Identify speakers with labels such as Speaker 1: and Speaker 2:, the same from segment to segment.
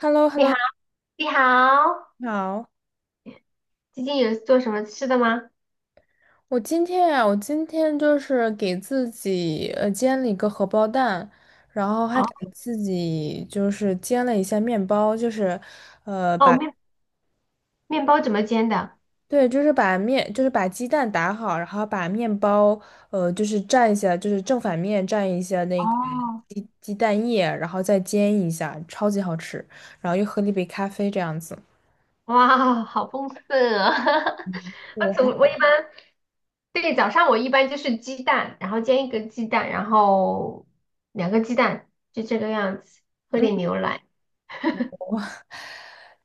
Speaker 1: h e l l o h e l
Speaker 2: 你
Speaker 1: l
Speaker 2: 好，
Speaker 1: o
Speaker 2: 你好，
Speaker 1: 你好。
Speaker 2: 最近有做什么吃的吗？
Speaker 1: 我今天啊，我今天就是给自己煎了一个荷包蛋，然后
Speaker 2: 哦
Speaker 1: 还给自己煎了一下面包，
Speaker 2: 哦，面包怎么煎的？
Speaker 1: 对，就是把面把鸡蛋打好，然后把面包就是蘸一下，就是正反面蘸一下那个
Speaker 2: 哦，
Speaker 1: 鸡蛋液，然后再煎一下，超级好吃。然后又喝了一杯咖啡这样子。
Speaker 2: 哇，好丰盛啊！我总我一般对，早上我一般就是鸡蛋，然后煎一个鸡蛋，然后两个鸡蛋，就这个样子，喝
Speaker 1: 嗯，
Speaker 2: 点牛奶。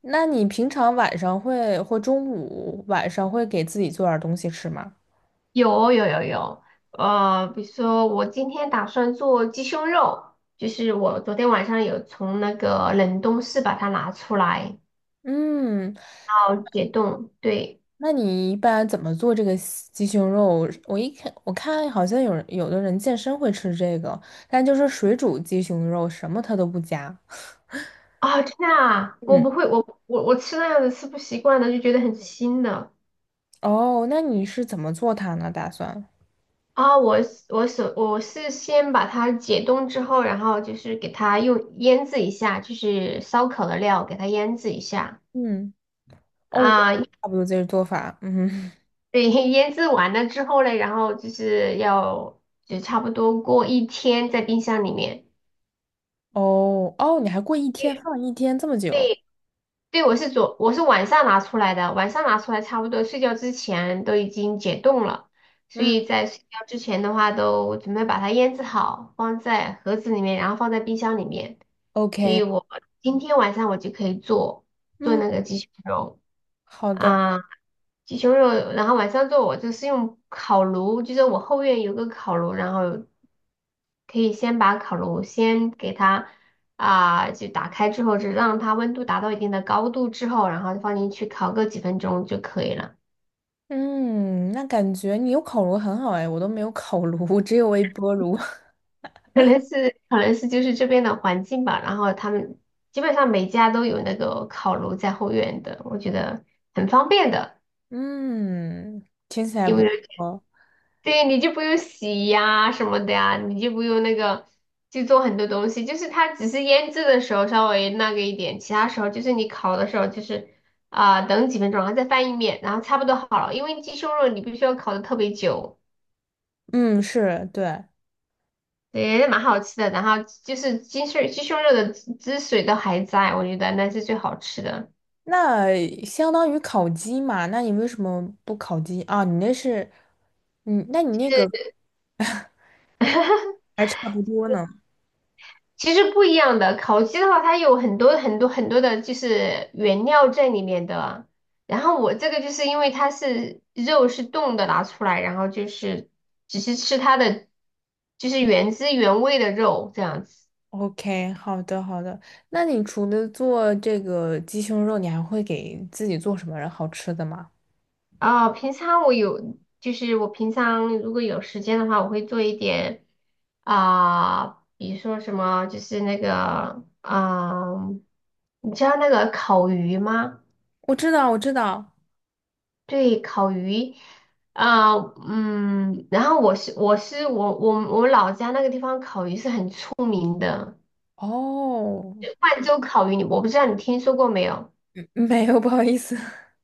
Speaker 1: 那你平常晚上会或中午晚上会给自己做点儿东西吃吗？
Speaker 2: 有有有有，比如说我今天打算做鸡胸肉，就是我昨天晚上有从那个冷冻室把它拿出来，
Speaker 1: 嗯，
Speaker 2: 然后解冻，对。
Speaker 1: 那你一般怎么做这个西鸡胸肉？我一看，我看好像有的人健身会吃这个，但就是水煮鸡胸肉，什么它都不加。
Speaker 2: 啊，真的啊，我
Speaker 1: 嗯，
Speaker 2: 不会，我吃那样子吃不习惯的，就觉得很腥的
Speaker 1: 哦，那你是怎么做它呢？打算？
Speaker 2: 啊。我是先把它解冻之后，然后就是给它用腌制一下，就是烧烤的料给它腌制一下
Speaker 1: 嗯，哦，我也
Speaker 2: 啊。
Speaker 1: 差不多这个做法。嗯哼，
Speaker 2: 对，腌制完了之后嘞，然后就是就差不多过一天在冰箱里面。
Speaker 1: 哦哦，你还过一天放一天这么久？
Speaker 2: 对，对，我是晚上拿出来的，晚上拿出来差不多睡觉之前都已经解冻了，所
Speaker 1: 嗯
Speaker 2: 以在睡觉之前的话都准备把它腌制好，放在盒子里面，然后放在冰箱里面。所
Speaker 1: ，OK,
Speaker 2: 以我今天晚上我就可以做
Speaker 1: 嗯，
Speaker 2: 那个鸡胸肉。
Speaker 1: 好的。
Speaker 2: 啊，鸡胸肉，然后晚上做我就是用烤炉，就是我后院有个烤炉，然后可以先把烤炉先给它就打开之后，就让它温度达到一定的高度之后，然后放进去烤个几分钟就可以了。
Speaker 1: 嗯，那感觉你有烤炉很好哎，我都没有烤炉，只有微波炉。
Speaker 2: 可能是就是这边的环境吧，然后他们基本上每家都有那个烤炉在后院的，我觉得很方便的，
Speaker 1: 嗯，听起来
Speaker 2: 因
Speaker 1: 不
Speaker 2: 为。
Speaker 1: 错。
Speaker 2: 对，你就不用洗呀什么的呀，你就不用那个去做很多东西，就是它只是腌制的时候稍微那个一点，其他时候就是你烤的时候就是等几分钟，然后再翻一面，然后差不多好了。因为鸡胸肉你必须要烤的特别久，
Speaker 1: 嗯，是，对，
Speaker 2: 对，蛮好吃的。然后就是鸡胸肉的汁水都还在，我觉得那是最好吃的。
Speaker 1: 那相当于烤鸡嘛？那你为什么不烤鸡啊？你那是，嗯，那你那个还差不多呢。
Speaker 2: 其实不一样的，烤鸡的话，它有很多很多很多的，就是原料在里面的。然后我这个就是因为它是肉是冻的拿出来，然后就是只是吃它的，就是原汁原味的肉这样子。
Speaker 1: OK,好的，好的。那你除了做这个鸡胸肉，你还会给自己做什么好吃的吗？
Speaker 2: 平常我有，就是我平常如果有时间的话，我会做一点啊、比如说什么，就是那个你知道那个烤鱼吗？
Speaker 1: 我知道，我知道。
Speaker 2: 对，烤鱼啊，嗯，然后我是我是我我我老家那个地方烤鱼是很出名的，
Speaker 1: 哦，
Speaker 2: 万州烤鱼，我不知道你听说过没有？
Speaker 1: 没有，不好意思。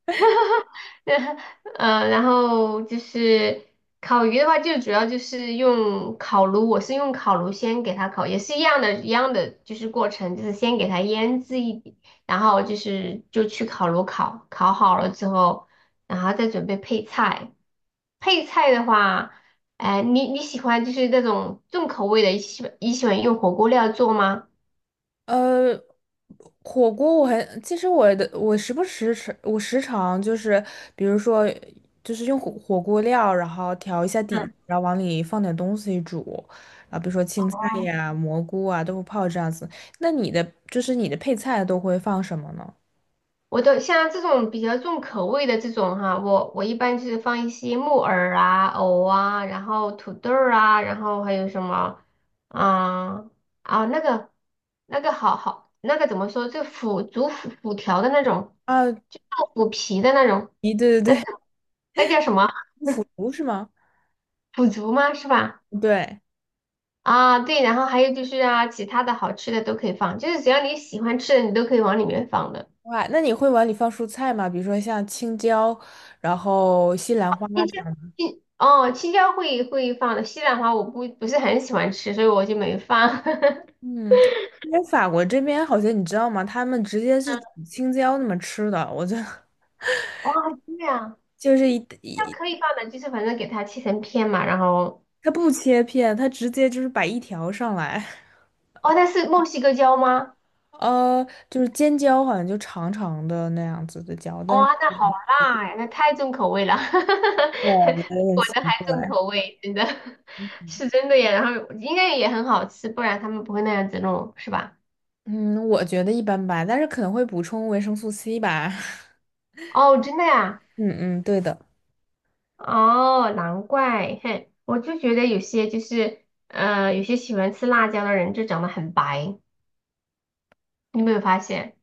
Speaker 2: 然后就是烤鱼的话，就主要就是用烤炉，我是用烤炉先给它烤，也是一样的，一样的就是过程，就是先给它腌制，然后就是就去烤炉烤，烤好了之后，然后再准备配菜。配菜的话，你喜欢就是那种重口味的，你喜欢用火锅料做吗？
Speaker 1: 呃，火锅其实我时不时吃，我时常比如说用火锅料，然后调一下底，
Speaker 2: 嗯，
Speaker 1: 然后往里放点东西煮，啊，比如说青菜呀、蘑菇啊、豆腐泡这样子。那你的就是你的配菜都会放什么呢？
Speaker 2: 我都像这种比较重口味的这种哈，我一般就是放一些木耳啊、藕啊，然后土豆儿啊，然后还有什么，啊啊那个那个怎么说，就腐竹腐条的那种，
Speaker 1: 啊，
Speaker 2: 就豆腐皮的那种，
Speaker 1: 咦，对对
Speaker 2: 那
Speaker 1: 对，
Speaker 2: 那叫什么？
Speaker 1: 腐 竹是吗？
Speaker 2: 腐竹吗？是吧？
Speaker 1: 对，
Speaker 2: 啊，对，然后还有就是其他的好吃的都可以放，就是只要你喜欢吃的，你都可以往里面放的。
Speaker 1: 哇，那你会往里放蔬菜吗？比如说像青椒，然后西兰花。这
Speaker 2: 青椒，
Speaker 1: 样。
Speaker 2: 青椒会放的，西兰花我不是很喜欢吃，所以我就没放。
Speaker 1: 嗯，因为法国这边好像你知道吗？他们直接是煮青椒那么吃的，我觉得
Speaker 2: 哇，对啊，
Speaker 1: 就是一
Speaker 2: 它
Speaker 1: 一，
Speaker 2: 可以放的，就是反正给它切成片嘛，然后
Speaker 1: 他不切片，他直接就是摆一条上来，
Speaker 2: 哦，那是墨西哥椒吗？
Speaker 1: 就是尖椒好像就长长的那样子的椒，但是
Speaker 2: 哇、那好辣呀，那太重口味了，
Speaker 1: 我有 点
Speaker 2: 我
Speaker 1: 奇
Speaker 2: 的还重
Speaker 1: 怪。
Speaker 2: 口味，真的 是真的呀。然后应该也很好吃，不然他们不会那样子弄，是吧？
Speaker 1: 嗯，我觉得一般般，但是可能会补充维生素 C 吧。
Speaker 2: 哦，真的呀。
Speaker 1: 嗯嗯，对的，
Speaker 2: 哦，难怪，哼，我就觉得有些就是，有些喜欢吃辣椒的人就长得很白，你有没有发现？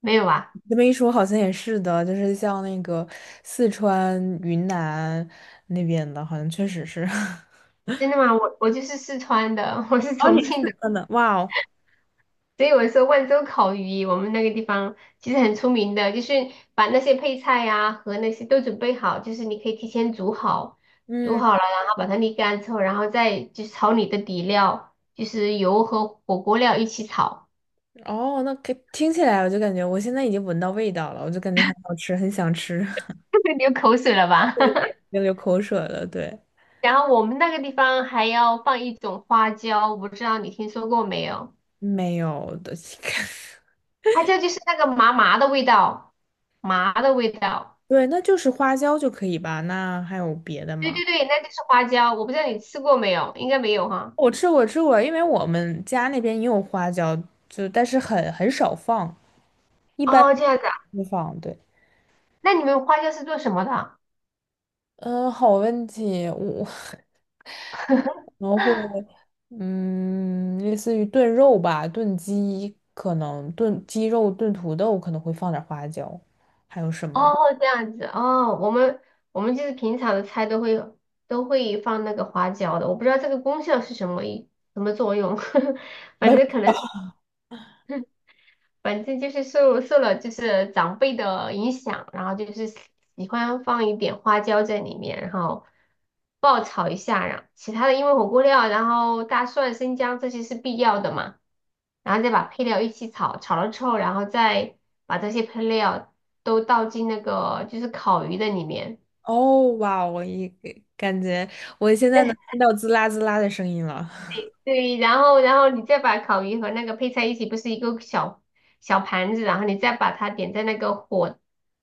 Speaker 2: 没有啊？
Speaker 1: 这么一说好像也是的，就是像那个四川、云南那边的，好像确实是。
Speaker 2: 真的吗？我就是四川的，我是
Speaker 1: 哦，
Speaker 2: 重
Speaker 1: 你是
Speaker 2: 庆
Speaker 1: 四
Speaker 2: 的，
Speaker 1: 川的，哇哦！
Speaker 2: 所以我说万州烤鱼，我们那个地方其实很出名的，就是把那些配菜呀、和那些都准备好，就是你可以提前煮好，煮
Speaker 1: 嗯，
Speaker 2: 好了，然后把它沥干之后，然后再就是炒你的底料，就是油和火锅料一起炒，
Speaker 1: 哦，那可听起来我就感觉我现在已经闻到味道了，我就感觉很好吃，很想吃，
Speaker 2: 流口水了吧？
Speaker 1: 已 经流口水了。对，
Speaker 2: 然后我们那个地方还要放一种花椒，我不知道你听说过没有？
Speaker 1: 没有的，
Speaker 2: 花椒就是那个麻麻的味道，麻的味道。
Speaker 1: 对，那就是花椒就可以吧？那还有别的
Speaker 2: 对
Speaker 1: 吗？
Speaker 2: 对对，那就是花椒。我不知道你吃过没有，应该没有哈。
Speaker 1: 我吃过，吃过，因为我们家那边也有花椒，就但是很少放，一般
Speaker 2: 哦，这样子啊。
Speaker 1: 不放。对，
Speaker 2: 那你们花椒是做什么的？
Speaker 1: 嗯、好问题，我 然后会，嗯，类似于炖肉吧，炖鸡可能炖鸡肉、炖土豆可能会放点花椒，还有什么呢？
Speaker 2: 哦，这样子哦。我们就是平常的菜都会放那个花椒的，我不知道这个功效是什么一什么作用，
Speaker 1: 我
Speaker 2: 反
Speaker 1: 也不
Speaker 2: 正
Speaker 1: 知
Speaker 2: 可
Speaker 1: 道
Speaker 2: 能。反正就是受了就是长辈的影响，然后就是喜欢放一点花椒在里面，然后爆炒一下，然后其他的因为火锅料，然后大蒜、生姜这些是必要的嘛，然后再把配料一起炒，炒了之后，然后再把这些配料都倒进那个就是烤鱼的里面。
Speaker 1: 哦，哇，我感觉我现在能听到滋啦滋啦的声音了。
Speaker 2: 对，然后你再把烤鱼和那个配菜一起，不是一个小小盘子，然后你再把它点在那个火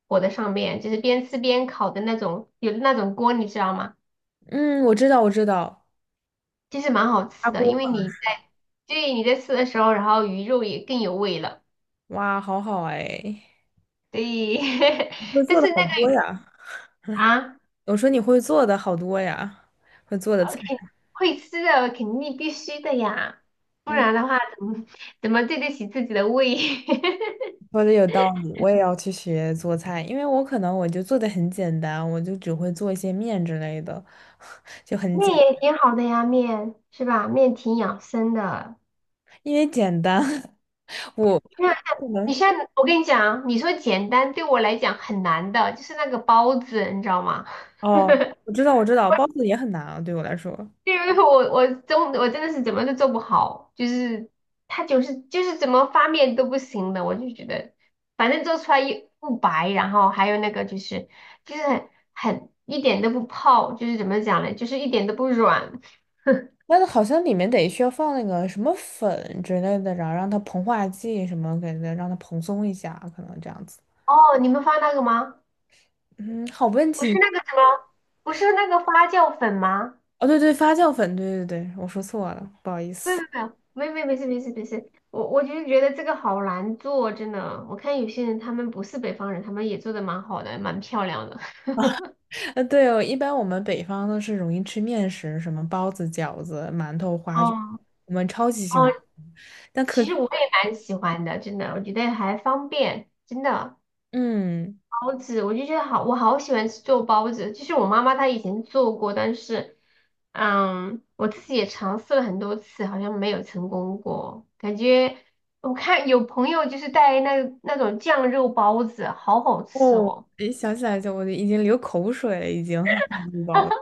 Speaker 2: 火的上面，就是边吃边烤的那种，有那种锅，你知道吗？
Speaker 1: 嗯，我知道，我知道，
Speaker 2: 其实蛮好
Speaker 1: 砂
Speaker 2: 吃
Speaker 1: 锅
Speaker 2: 的，因为
Speaker 1: 嘛，
Speaker 2: 对，你在吃的时候，然后鱼肉也更有味了。
Speaker 1: 哇，好好哎，
Speaker 2: 对，
Speaker 1: 你会
Speaker 2: 但
Speaker 1: 做
Speaker 2: 是
Speaker 1: 的
Speaker 2: 那
Speaker 1: 好
Speaker 2: 个
Speaker 1: 多呀。
Speaker 2: 啊
Speaker 1: 我说你会做的好多呀，会做的菜。
Speaker 2: ，OK，会吃的肯定必须的呀，不
Speaker 1: 嗯。
Speaker 2: 然的话怎么对得起自己的胃？
Speaker 1: 说的有道理，我也要去学做菜，因为我可能我就做的很简单，我就只会做一些面之类的，就很
Speaker 2: 面
Speaker 1: 简，
Speaker 2: 也挺好的呀，面是吧？面挺养生的。
Speaker 1: 因为简单，我
Speaker 2: 那
Speaker 1: 可
Speaker 2: 你
Speaker 1: 能
Speaker 2: 现在，我跟你讲啊，你说简单对我来讲很难的，就是那个包子，你知道吗？
Speaker 1: 哦，我知道我知道，包子也很难啊，对我来说，
Speaker 2: 因为 我真的是怎么都做不好，就是它就是怎么发面都不行的，我就觉得反正做出来又不白，然后还有那个就是一点都不泡，就是怎么讲呢，就是一点都不软。
Speaker 1: 但是好像里面得需要放那个什么粉之类的，然后让它膨化剂什么给它让它蓬松一下，可能这样子。
Speaker 2: 哦，你们发那个吗？
Speaker 1: 嗯，好问
Speaker 2: 不是
Speaker 1: 题。
Speaker 2: 那个什么，不是那个发酵粉吗？
Speaker 1: 哦，对对，发酵粉，对对对，我说错了，不好意
Speaker 2: 没有
Speaker 1: 思。
Speaker 2: 没有没有没事没事没事，我就是觉得这个好难做，真的。我看有些人他们不是北方人，他们也做的蛮好的，蛮漂亮的。
Speaker 1: 对哦，一般我们北方都是容易吃面食，什么包子、饺子、馒头、花卷，
Speaker 2: 哦
Speaker 1: 我们超级喜
Speaker 2: 哦，
Speaker 1: 欢。但可，
Speaker 2: 其实我也蛮喜欢的，真的，我觉得还方便，真的。
Speaker 1: 嗯，
Speaker 2: 包子，我就觉得好，我好喜欢吃做包子。就是我妈妈她以前做过，但是，嗯，我自己也尝试了很多次，好像没有成功过。感觉我看有朋友就是带那种酱肉包子，好好吃
Speaker 1: 哦，
Speaker 2: 哦。
Speaker 1: 一想起来就我就已经流口水了，已经想不饱了。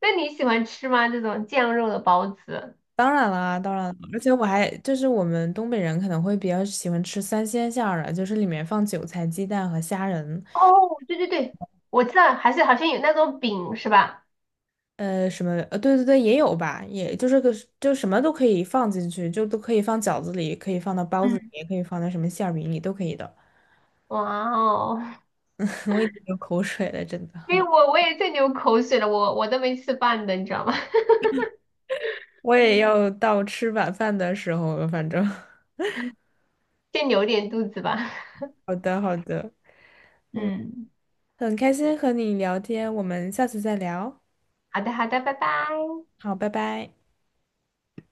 Speaker 2: 那你喜欢吃吗？这种酱肉的包子？
Speaker 1: 当然啦，当然了，而且我还我们东北人可能会比较喜欢吃三鲜馅儿的，就是里面放韭菜、鸡蛋和虾仁，
Speaker 2: 哦，对对对，我知道，还是好像有那种饼是吧？
Speaker 1: 对对对，也有吧，也就是个就什么都可以放进去，就都可以放饺子里，可以放到包子里，
Speaker 2: 嗯，
Speaker 1: 也可以放在什么馅儿饼里，都可以的。
Speaker 2: 哇哦，
Speaker 1: 我已经流口水了，真
Speaker 2: 所以
Speaker 1: 的。
Speaker 2: 我也在流口水了，我都没吃饭的，你知道吗？
Speaker 1: 我也要到吃晚饭的时候了，反正。
Speaker 2: 先留点肚子吧。
Speaker 1: 好的，好的，
Speaker 2: 嗯。
Speaker 1: 很开心和你聊天，我们下次再聊。
Speaker 2: 好的，好的，拜拜。
Speaker 1: 好，拜拜。